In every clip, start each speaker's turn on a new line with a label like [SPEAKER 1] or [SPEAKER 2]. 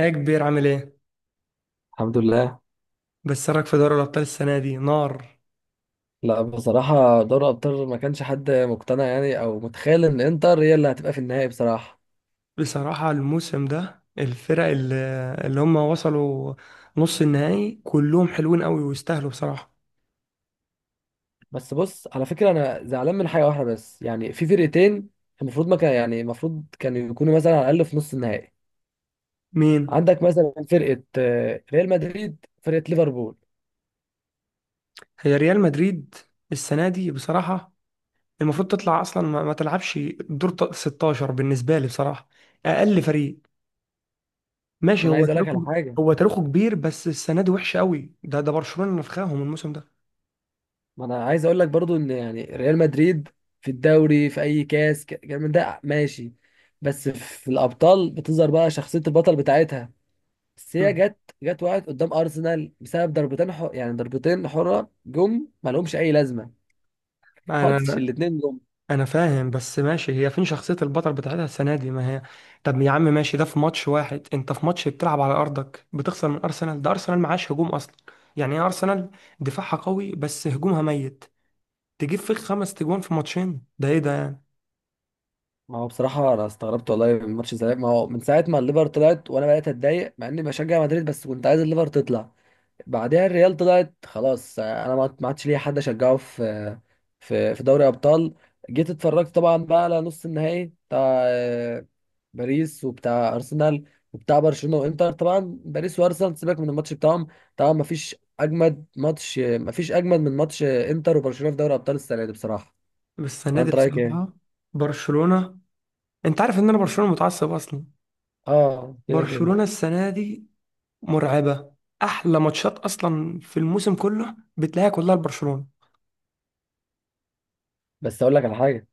[SPEAKER 1] ايه يا كبير، عامل ايه؟
[SPEAKER 2] الحمد لله.
[SPEAKER 1] بس رايك في دوري الأبطال السنة دي نار.
[SPEAKER 2] لا بصراحة دوري أبطال ما كانش حد مقتنع أو متخيل إن إنتر هي اللي هتبقى في النهائي بصراحة.
[SPEAKER 1] بصراحة الموسم ده الفرق اللي هم وصلوا نص النهائي كلهم حلوين قوي ويستاهلوا بصراحة.
[SPEAKER 2] بس بص على فكرة أنا زعلان من حاجة واحدة بس، في فرقتين المفروض ما كان، المفروض كانوا يكونوا مثلا على الأقل في نص النهائي.
[SPEAKER 1] مين؟
[SPEAKER 2] عندك مثلا فرقة ريال مدريد، فرقة ليفربول.
[SPEAKER 1] هي ريال مدريد السنة دي بصراحة المفروض تطلع أصلا ما تلعبش دور 16 بالنسبة لي بصراحة. أقل فريق، ماشي
[SPEAKER 2] أنا
[SPEAKER 1] هو
[SPEAKER 2] عايز أقول لك على
[SPEAKER 1] تاريخه.
[SPEAKER 2] حاجة،
[SPEAKER 1] هو تاريخه كبير، بس السنة دي وحشة قوي، ده برشلونة نفخاهم الموسم ده.
[SPEAKER 2] ما أنا عايز أقول لك برضو إن ريال مدريد في الدوري في أي كاس كلام من ده ماشي، بس في الأبطال بتظهر بقى شخصية البطل بتاعتها. بس هي
[SPEAKER 1] مم.
[SPEAKER 2] جت، وقعت قدام ارسنال بسبب ضربتين يعني ضربتين حره جم ما لهمش اي لازمه. ماتش
[SPEAKER 1] أنا
[SPEAKER 2] الاثنين جم.
[SPEAKER 1] انا فاهم، بس ماشي هي فين شخصية البطل بتاعتها السنة دي ما هي. طب يا عم ماشي، ده في ماتش واحد انت في ماتش بتلعب على ارضك بتخسر من ارسنال، ده ارسنال معاش هجوم اصلا. يعني ايه ارسنال؟ دفاعها قوي بس هجومها ميت. تجيب فيك خمس تجوان في ماتشين، ده ايه ده يعني؟
[SPEAKER 2] ما هو بصراحه انا استغربت والله من ماتش الذهاب، ما هو من ساعه ما الليفر طلعت وانا بقيت اتضايق مع اني بشجع مدريد، بس كنت عايز الليفر تطلع. بعدها الريال طلعت خلاص، انا ما عادش ليا حد اشجعه في، في دوري ابطال. جيت اتفرجت طبعا بقى على نص النهائي بتاع باريس وبتاع ارسنال وبتاع برشلونه وانتر. طبعا باريس وارسنال سيبك من الماتش بتاعهم، طبعا ما فيش اجمد ماتش، ما فيش اجمد من ماتش انتر وبرشلونه في دوري ابطال السنه دي بصراحه.
[SPEAKER 1] بس السنة دي
[SPEAKER 2] وانت رايك ايه؟
[SPEAKER 1] بصراحة برشلونة، انت عارف ان انا برشلونة متعصب اصلا.
[SPEAKER 2] اه كده كده.
[SPEAKER 1] برشلونة السنة دي مرعبة. احلى ماتشات اصلا في الموسم كله بتلاقيها كلها لبرشلونة.
[SPEAKER 2] بس اقول لك على حاجه.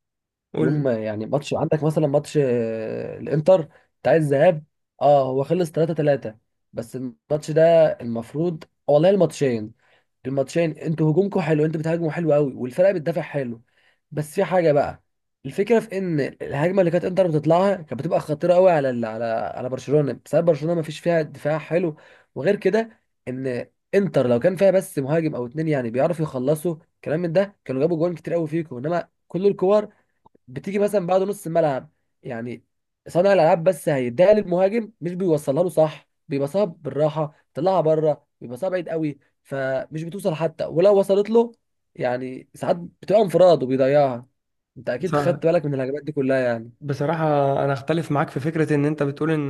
[SPEAKER 1] قول
[SPEAKER 2] يوم
[SPEAKER 1] لي.
[SPEAKER 2] ما- يعني ماتش عندك مثلا ماتش الانتر بتاع الذهاب، اه هو خلص 3 3. بس الماتش ده المفروض والله، الماتشين انتوا هجومكم حلو، انتوا بتهاجموا حلو قوي والفرقه بتدافع حلو. بس في حاجه بقى، الفكره في ان الهجمه اللي كانت انتر بتطلعها كانت بتبقى خطيره قوي على على برشلونه، بسبب برشلونه ما فيش فيها دفاع حلو. وغير كده، ان انتر لو كان فيها بس مهاجم او اتنين بيعرفوا يخلصوا كلام من ده، كانوا جابوا جوان كتير قوي فيكم. انما كل الكور بتيجي مثلا بعد نص الملعب، يعني صانع الالعاب بس هيديها للمهاجم مش بيوصلها له صح، بيبقى صعب. بالراحه طلعها بره بيبقى صعب بعيد قوي، فمش بتوصل. حتى ولو وصلت له، يعني ساعات بتبقى انفراد وبيضيعها. انت اكيد خدت
[SPEAKER 1] بس-
[SPEAKER 2] بالك من الهجمات دي كلها يعني.
[SPEAKER 1] بصراحة، أنا أختلف معاك في فكرة إن أنت بتقول إن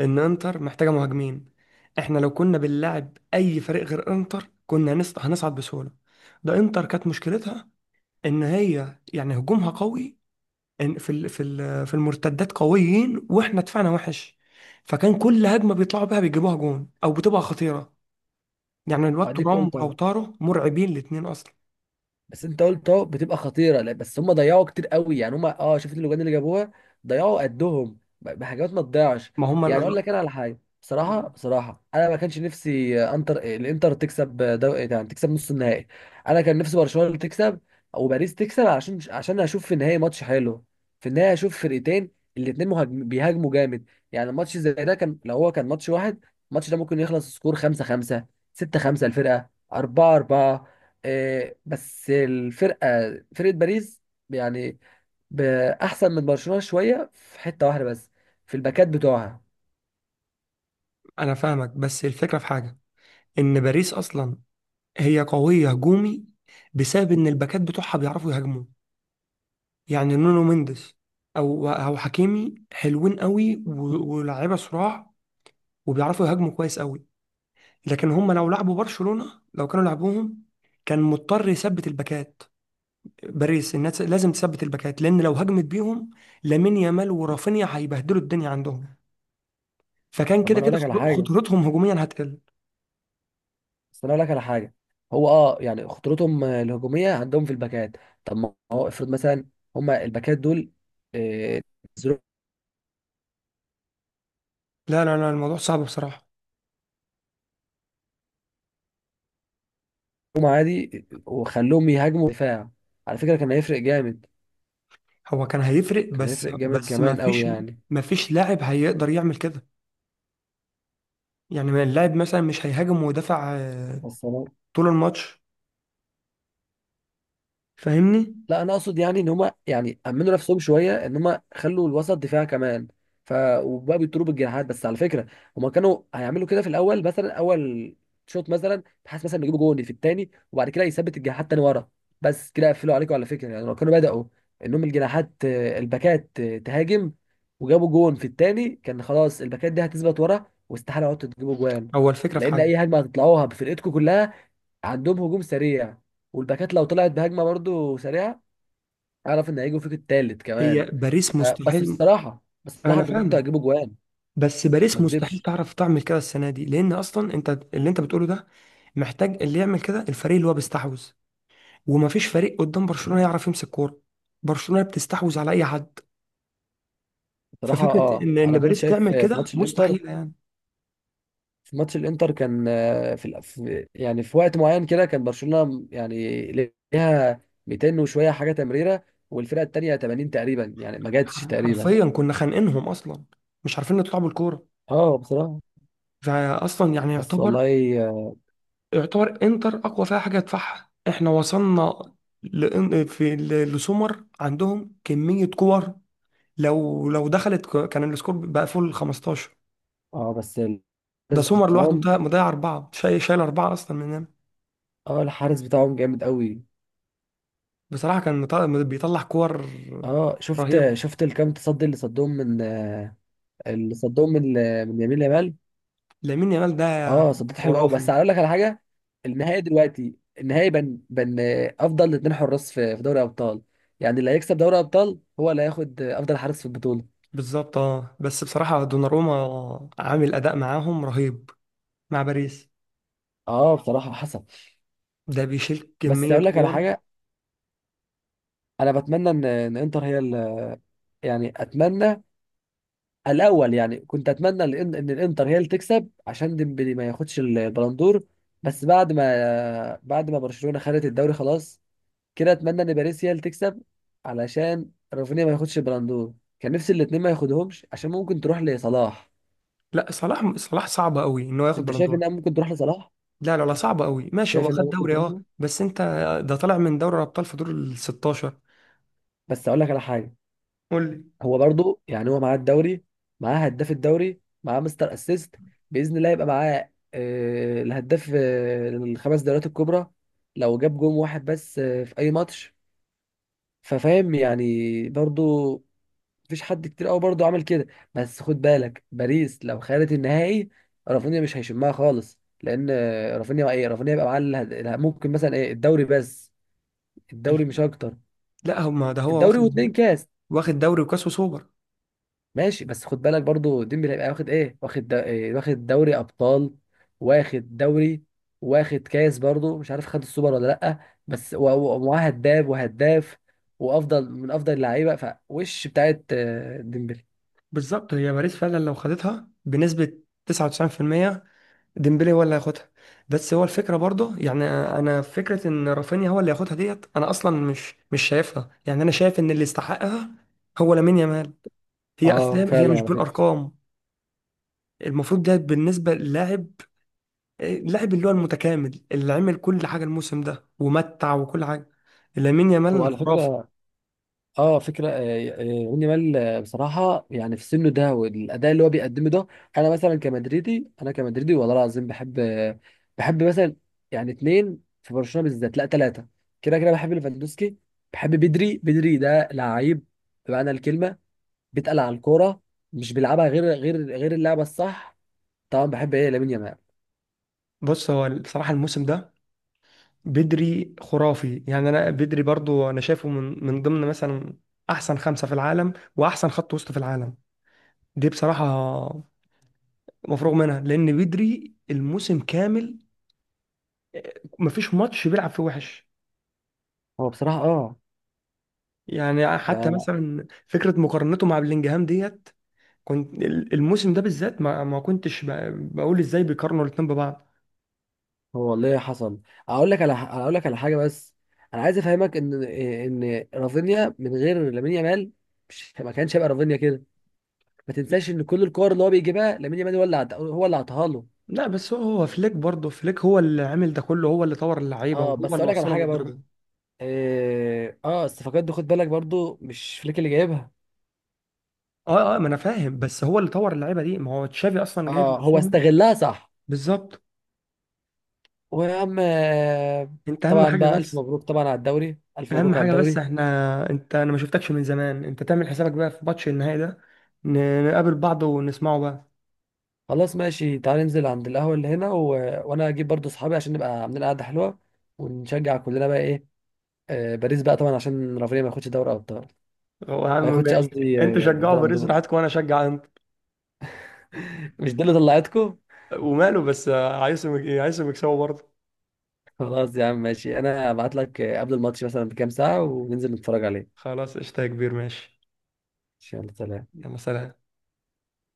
[SPEAKER 1] إن إنتر محتاجة مهاجمين، إحنا لو كنا بنلعب أي فريق غير إنتر كنا هنصعد بسهولة، ده إنتر كانت مشكلتها إن هي يعني هجومها قوي، إن في المرتدات قويين وإحنا دفاعنا وحش، فكان كل هجمة بيطلعوا بيها بيجيبوها جون أو بتبقى خطيرة، يعني الواد
[SPEAKER 2] اديك
[SPEAKER 1] ترام
[SPEAKER 2] قلت اهو،
[SPEAKER 1] ولوتارو مرعبين الاتنين أصلا.
[SPEAKER 2] بس انت قلت اهو بتبقى خطيره. لا بس هم ضيعوا كتير قوي يعني، هم اه شفت اللجان اللي جابوها، ضيعوا قدهم بحاجات ما تضيعش.
[SPEAKER 1] ما هما
[SPEAKER 2] يعني اقول
[SPEAKER 1] ال-
[SPEAKER 2] لك انا على حاجه بصراحه، انا ما كانش نفسي آه، انتر آه، الانتر تكسب، آه، دو... إيه، يعني تكسب نص النهائي. انا كان نفسي برشلونه اللي تكسب او باريس تكسب، عشان هشوف في النهائي ماتش حلو. في النهائي هشوف فرقتين الاتنين بيهاجموا جامد، يعني الماتش زي ده كان، لو هو كان ماتش واحد الماتش ده ممكن يخلص سكور 5 5، 6 5، الفرقه 4 4. بس الفرقه، فرقه باريس يعني ب- احسن من برشلونه شويه في حته واحده بس، في الباكات بتوعها.
[SPEAKER 1] أنا فاهمك، بس الفكرة في حاجة، إن باريس أصلا هي قوية هجومي بسبب إن الباكات بتوعها بيعرفوا يهاجموا، يعني نونو مينديز أو حكيمي حلوين قوي، ولاعيبة صراع وبيعرفوا يهاجموا كويس قوي. لكن هم لو لعبوا برشلونة، لو كانوا لعبوهم كان مضطر يثبت الباكات. باريس الناس لازم تثبت الباكات لأن لو هجمت بيهم لامين يامال ورافينيا هيبهدلوا الدنيا عندهم، فكان
[SPEAKER 2] طب ما
[SPEAKER 1] كده
[SPEAKER 2] انا اقول
[SPEAKER 1] كده
[SPEAKER 2] لك على حاجه
[SPEAKER 1] خطورتهم هجوميا هتقل.
[SPEAKER 2] بس انا اقول لك على حاجه، هو اه يعني خطورتهم الهجوميه عندهم في الباكات. طب ما هو افرض مثلا هما الباكات دول آه، نزلوهم
[SPEAKER 1] لا لا لا، الموضوع صعب بصراحة.
[SPEAKER 2] عادي وخلوهم يهاجموا دفاع، على فكره كان هيفرق جامد،
[SPEAKER 1] هو كان هيفرق،
[SPEAKER 2] كان
[SPEAKER 1] بس
[SPEAKER 2] هيفرق جامد
[SPEAKER 1] بس ما
[SPEAKER 2] كمان قوي
[SPEAKER 1] فيش،
[SPEAKER 2] يعني.
[SPEAKER 1] ما فيش لاعب هيقدر يعمل كده. يعني ما اللاعب مثلا مش هيهاجم ويدافع
[SPEAKER 2] بس انا
[SPEAKER 1] طول الماتش، فاهمني.
[SPEAKER 2] لا انا اقصد يعني ان هما، يعني امنوا نفسهم شويه ان هما خلوا الوسط دفاع كمان، ف وبقى بيضربوا بالجناحات. بس على فكره هما كانوا هيعملوا كده في الاول مثلا، اول شوط مثلا، بحيث مثلا يجيبوا جون في الثاني وبعد كده يثبت الجناحات تاني ورا. بس كده يقفلوا عليكم على فكره، يعني لو كانوا بداوا انهم الجناحات، الباكات تهاجم وجابوا جون في الثاني، كان خلاص الباكات دي هتثبت ورا، واستحاله عدتوا تجيبوا جوان.
[SPEAKER 1] هو الفكرة في
[SPEAKER 2] لان اي
[SPEAKER 1] حاجة،
[SPEAKER 2] هجمه هتطلعوها بفرقتكم كلها، عندهم هجوم سريع، والباكات لو طلعت بهجمه برضو سريعه، اعرف ان هيجوا فيك التالت
[SPEAKER 1] هي
[SPEAKER 2] كمان. ف...
[SPEAKER 1] باريس
[SPEAKER 2] بس
[SPEAKER 1] مستحيل.
[SPEAKER 2] بصراحه،
[SPEAKER 1] انا
[SPEAKER 2] انتوا كنتوا
[SPEAKER 1] فاهمك،
[SPEAKER 2] هتجيبوا جوان،
[SPEAKER 1] بس
[SPEAKER 2] ما
[SPEAKER 1] باريس مستحيل
[SPEAKER 2] اكذبش.
[SPEAKER 1] تعرف تعمل كده السنة دي لان اصلا انت اللي انت بتقوله ده محتاج اللي يعمل كده الفريق اللي هو بيستحوذ، وما فيش فريق قدام برشلونة يعرف يمسك كورة، برشلونة بتستحوذ على اي حد.
[SPEAKER 2] بصراحه
[SPEAKER 1] ففكرة
[SPEAKER 2] اه،
[SPEAKER 1] ان
[SPEAKER 2] انا كنت
[SPEAKER 1] باريس
[SPEAKER 2] شايف
[SPEAKER 1] تعمل
[SPEAKER 2] في
[SPEAKER 1] كده
[SPEAKER 2] ماتش
[SPEAKER 1] مستحيلة يعني.
[SPEAKER 2] في ماتش الانتر كان آه، في, الأف- يعني في وقت معين كده كان برشلونه يعني ليها 200 وشويه حاجه تمريره والفرقه التانيه 80 تقريبا، يعني ما جاتش تقريبا.
[SPEAKER 1] حرفيا كنا خانقينهم اصلا، مش عارفين نطلع بالكوره.
[SPEAKER 2] اه بصراحه.
[SPEAKER 1] فاصلا يعني
[SPEAKER 2] بس
[SPEAKER 1] يعتبر
[SPEAKER 2] والله. اه،
[SPEAKER 1] يعتبر انتر اقوى فيها حاجه يدفعها احنا وصلنا لسومر عندهم كميه كور. لو دخلت كان السكور بقى فوق ال 15.
[SPEAKER 2] بس
[SPEAKER 1] ده
[SPEAKER 2] الحارس
[SPEAKER 1] سومر لوحده
[SPEAKER 2] بتاعهم،
[SPEAKER 1] مضيع مضيع اربعه، شايل شايل اربعه اصلا مننا.
[SPEAKER 2] اه الحارس بتاعهم جامد قوي.
[SPEAKER 1] بصراحه كان بيطلع كور
[SPEAKER 2] اه
[SPEAKER 1] رهيبه.
[SPEAKER 2] شفت الكام تصدي اللي صدهم من، اللي صدهم من من يمين لمال.
[SPEAKER 1] لامين يامال ده
[SPEAKER 2] اه صدت حلو قوي. بس
[SPEAKER 1] خرافي.
[SPEAKER 2] هقول لك على حاجه، النهائي دلوقتي النهائي بن بن افضل اتنين حراس في، في دوري ابطال، يعني اللي هيكسب دوري ابطال هو اللي هياخد افضل حارس في البطوله.
[SPEAKER 1] بالظبط. اه بس بصراحه دوناروما عامل اداء معاهم رهيب مع باريس،
[SPEAKER 2] اه بصراحه حصل.
[SPEAKER 1] ده بيشيل
[SPEAKER 2] بس
[SPEAKER 1] كمية
[SPEAKER 2] هقول لك على
[SPEAKER 1] كور.
[SPEAKER 2] حاجه، انا بتمنى ان انتر هي اتمنى الاول، يعني كنت اتمنى ان الانتر هي اللي تكسب عشان ديمبلي ما ياخدش البلندور. بس بعد ما برشلونه خدت الدوري خلاص كده، اتمنى ان باريس هي اللي تكسب علشان رافينيا ما ياخدش البلندور. كان نفسي الاتنين ما ياخدهمش عشان ممكن تروح لصلاح.
[SPEAKER 1] لا، صلاح صلاح صعب قوي ان هو ياخد
[SPEAKER 2] انت شايف
[SPEAKER 1] بلندور.
[SPEAKER 2] انها ممكن تروح لصلاح؟
[SPEAKER 1] لا لا لا، صعب قوي. ماشي هو
[SPEAKER 2] شايف انها
[SPEAKER 1] خد
[SPEAKER 2] ممكن
[SPEAKER 1] دوري
[SPEAKER 2] تروح
[SPEAKER 1] اه،
[SPEAKER 2] له؟
[SPEAKER 1] بس انت، ده طالع من دوري الابطال في دور ال 16.
[SPEAKER 2] بس اقول لك على حاجه،
[SPEAKER 1] قول لي.
[SPEAKER 2] هو برضو يعني هو معاه الدوري، معاه هداف الدوري، معاه مستر اسيست، باذن الله يبقى معاه الهداف الخمس دوريات الكبرى لو جاب جون واحد بس في اي ماتش. ففاهم يعني برضو مفيش حد كتير قوي برضه عمل كده. بس خد بالك باريس لو خدت النهائي، رافينيا مش هيشمها خالص، لان رافينيا يبقى معاه ممكن مثلا ايه الدوري بس، الدوري
[SPEAKER 1] الف-
[SPEAKER 2] مش اكتر،
[SPEAKER 1] لا هما ده هو
[SPEAKER 2] الدوري واتنين
[SPEAKER 1] واخد،
[SPEAKER 2] كاس.
[SPEAKER 1] واخد دوري وكاس وسوبر.
[SPEAKER 2] ماشي بس خد بالك برضه ديمبلي هيبقى واخد ايه، واخد دا- إيه؟ واخد دوري ابطال، واخد دوري، واخد كاس، برضه مش عارف خد السوبر ولا لا. بس ومعاه هداف، وافضل من افضل اللعيبه فوش بتاعت ديمبلي.
[SPEAKER 1] بالظبط، هي باريس فعلا لو خدتها بنسبة 99% ديمبلي هو اللي هياخدها. بس هو الفكرة برضه يعني انا، فكرة ان رافينيا هو اللي هياخدها ديت انا اصلا مش شايفها، يعني انا شايف ان اللي يستحقها هو لامين يامال. هي
[SPEAKER 2] اه
[SPEAKER 1] اسلام، هي
[SPEAKER 2] فعلا
[SPEAKER 1] مش
[SPEAKER 2] على فكره.
[SPEAKER 1] بالارقام المفروض ده، بالنسبة للاعب، اللاعب اللي هو المتكامل اللي عمل كل حاجة الموسم ده ومتع وكل حاجة، لامين
[SPEAKER 2] هو
[SPEAKER 1] يامال
[SPEAKER 2] على
[SPEAKER 1] خرافة.
[SPEAKER 2] فكرة اه فكره يمين يامال، بصراحه يعني في سنه ده والاداء اللي هو بيقدمه ده، انا مثلا كمدريدي، انا كمدريدي والله العظيم بحب مثلا، يعني اتنين في برشلونه بالذات، لا ثلاثه. كده كده بحب ليفاندوسكي، بحب بدري. بدري ده لعيب بمعنى الكلمه، بيتقل على الكوره، مش بيلعبها غير اللعبه الصح. طبعا بحب ايه لامين يامال.
[SPEAKER 1] بص هو بصراحة الموسم ده بدري خرافي، يعني أنا بدري برضو أنا شايفه من ضمن مثلا أحسن خمسة في العالم وأحسن خط وسط في العالم. دي بصراحة مفروغ منها، لأن بدري الموسم كامل مفيش ماتش بيلعب فيه وحش،
[SPEAKER 2] هو بصراحه اه،
[SPEAKER 1] يعني حتى مثلا فكرة مقارنته مع بلينجهام ديت كنت، الموسم ده بالذات ما كنتش بقول ازاي بيقارنوا الاتنين ببعض.
[SPEAKER 2] هو والله حصل. اقول لك على حاجه بس، انا عايز افهمك ان رافينيا من غير لامين يامال مش، ما كانش هيبقى رافينيا كده. ما
[SPEAKER 1] لا
[SPEAKER 2] تنساش ان كل الكور اللي هو بيجيبها لامين يامال هو اللي عطاها له.
[SPEAKER 1] لا، بس هو فليك برضه، فليك هو اللي عامل ده كله، هو اللي طور اللعيبة
[SPEAKER 2] اه
[SPEAKER 1] وهو
[SPEAKER 2] بس
[SPEAKER 1] اللي
[SPEAKER 2] اقول لك على
[SPEAKER 1] وصلهم
[SPEAKER 2] حاجه
[SPEAKER 1] للدرجة
[SPEAKER 2] برضو،
[SPEAKER 1] دي.
[SPEAKER 2] اه الصفقات دي خد بالك برضو مش فليك اللي جايبها.
[SPEAKER 1] اه اه، ما انا فاهم، بس هو اللي طور اللعيبة دي ما هو تشافي اصلا جايب
[SPEAKER 2] اه هو
[SPEAKER 1] نفسهم.
[SPEAKER 2] استغلها صح.
[SPEAKER 1] بالظبط.
[SPEAKER 2] ويا عم
[SPEAKER 1] اهم
[SPEAKER 2] طبعا
[SPEAKER 1] حاجة
[SPEAKER 2] بقى الف
[SPEAKER 1] بس،
[SPEAKER 2] مبروك طبعا على الدوري، الف مبروك على الدوري.
[SPEAKER 1] احنا، انا ما شفتكش من زمان، انت تعمل حسابك بقى في ماتش النهائي ده، نقابل بعض ونسمعه بقى.
[SPEAKER 2] خلاص ماشي، تعالى ننزل عند القهوة اللي هنا وانا اجيب برضو اصحابي عشان نبقى عاملين قعدة حلوة، ونشجع كلنا بقى ايه، آه باريس بقى طبعا عشان رافينيا ما ياخدش دوري ابطال،
[SPEAKER 1] هو
[SPEAKER 2] ما ياخدش قصدي
[SPEAKER 1] انت شجعه
[SPEAKER 2] البالون
[SPEAKER 1] باريس
[SPEAKER 2] دور.
[SPEAKER 1] براحتكم وانا اشجع.
[SPEAKER 2] مش دي اللي طلعتكم.
[SPEAKER 1] وماله، بس عايزهم يكسبوا برضه.
[SPEAKER 2] خلاص يا عم ماشي، انا هبعت لك قبل الماتش مثلا بكام ساعة وننزل نتفرج عليه.
[SPEAKER 1] خلاص قشطة يا كبير ماشي.
[SPEAKER 2] يلا سلام.
[SPEAKER 1] يلا سلام.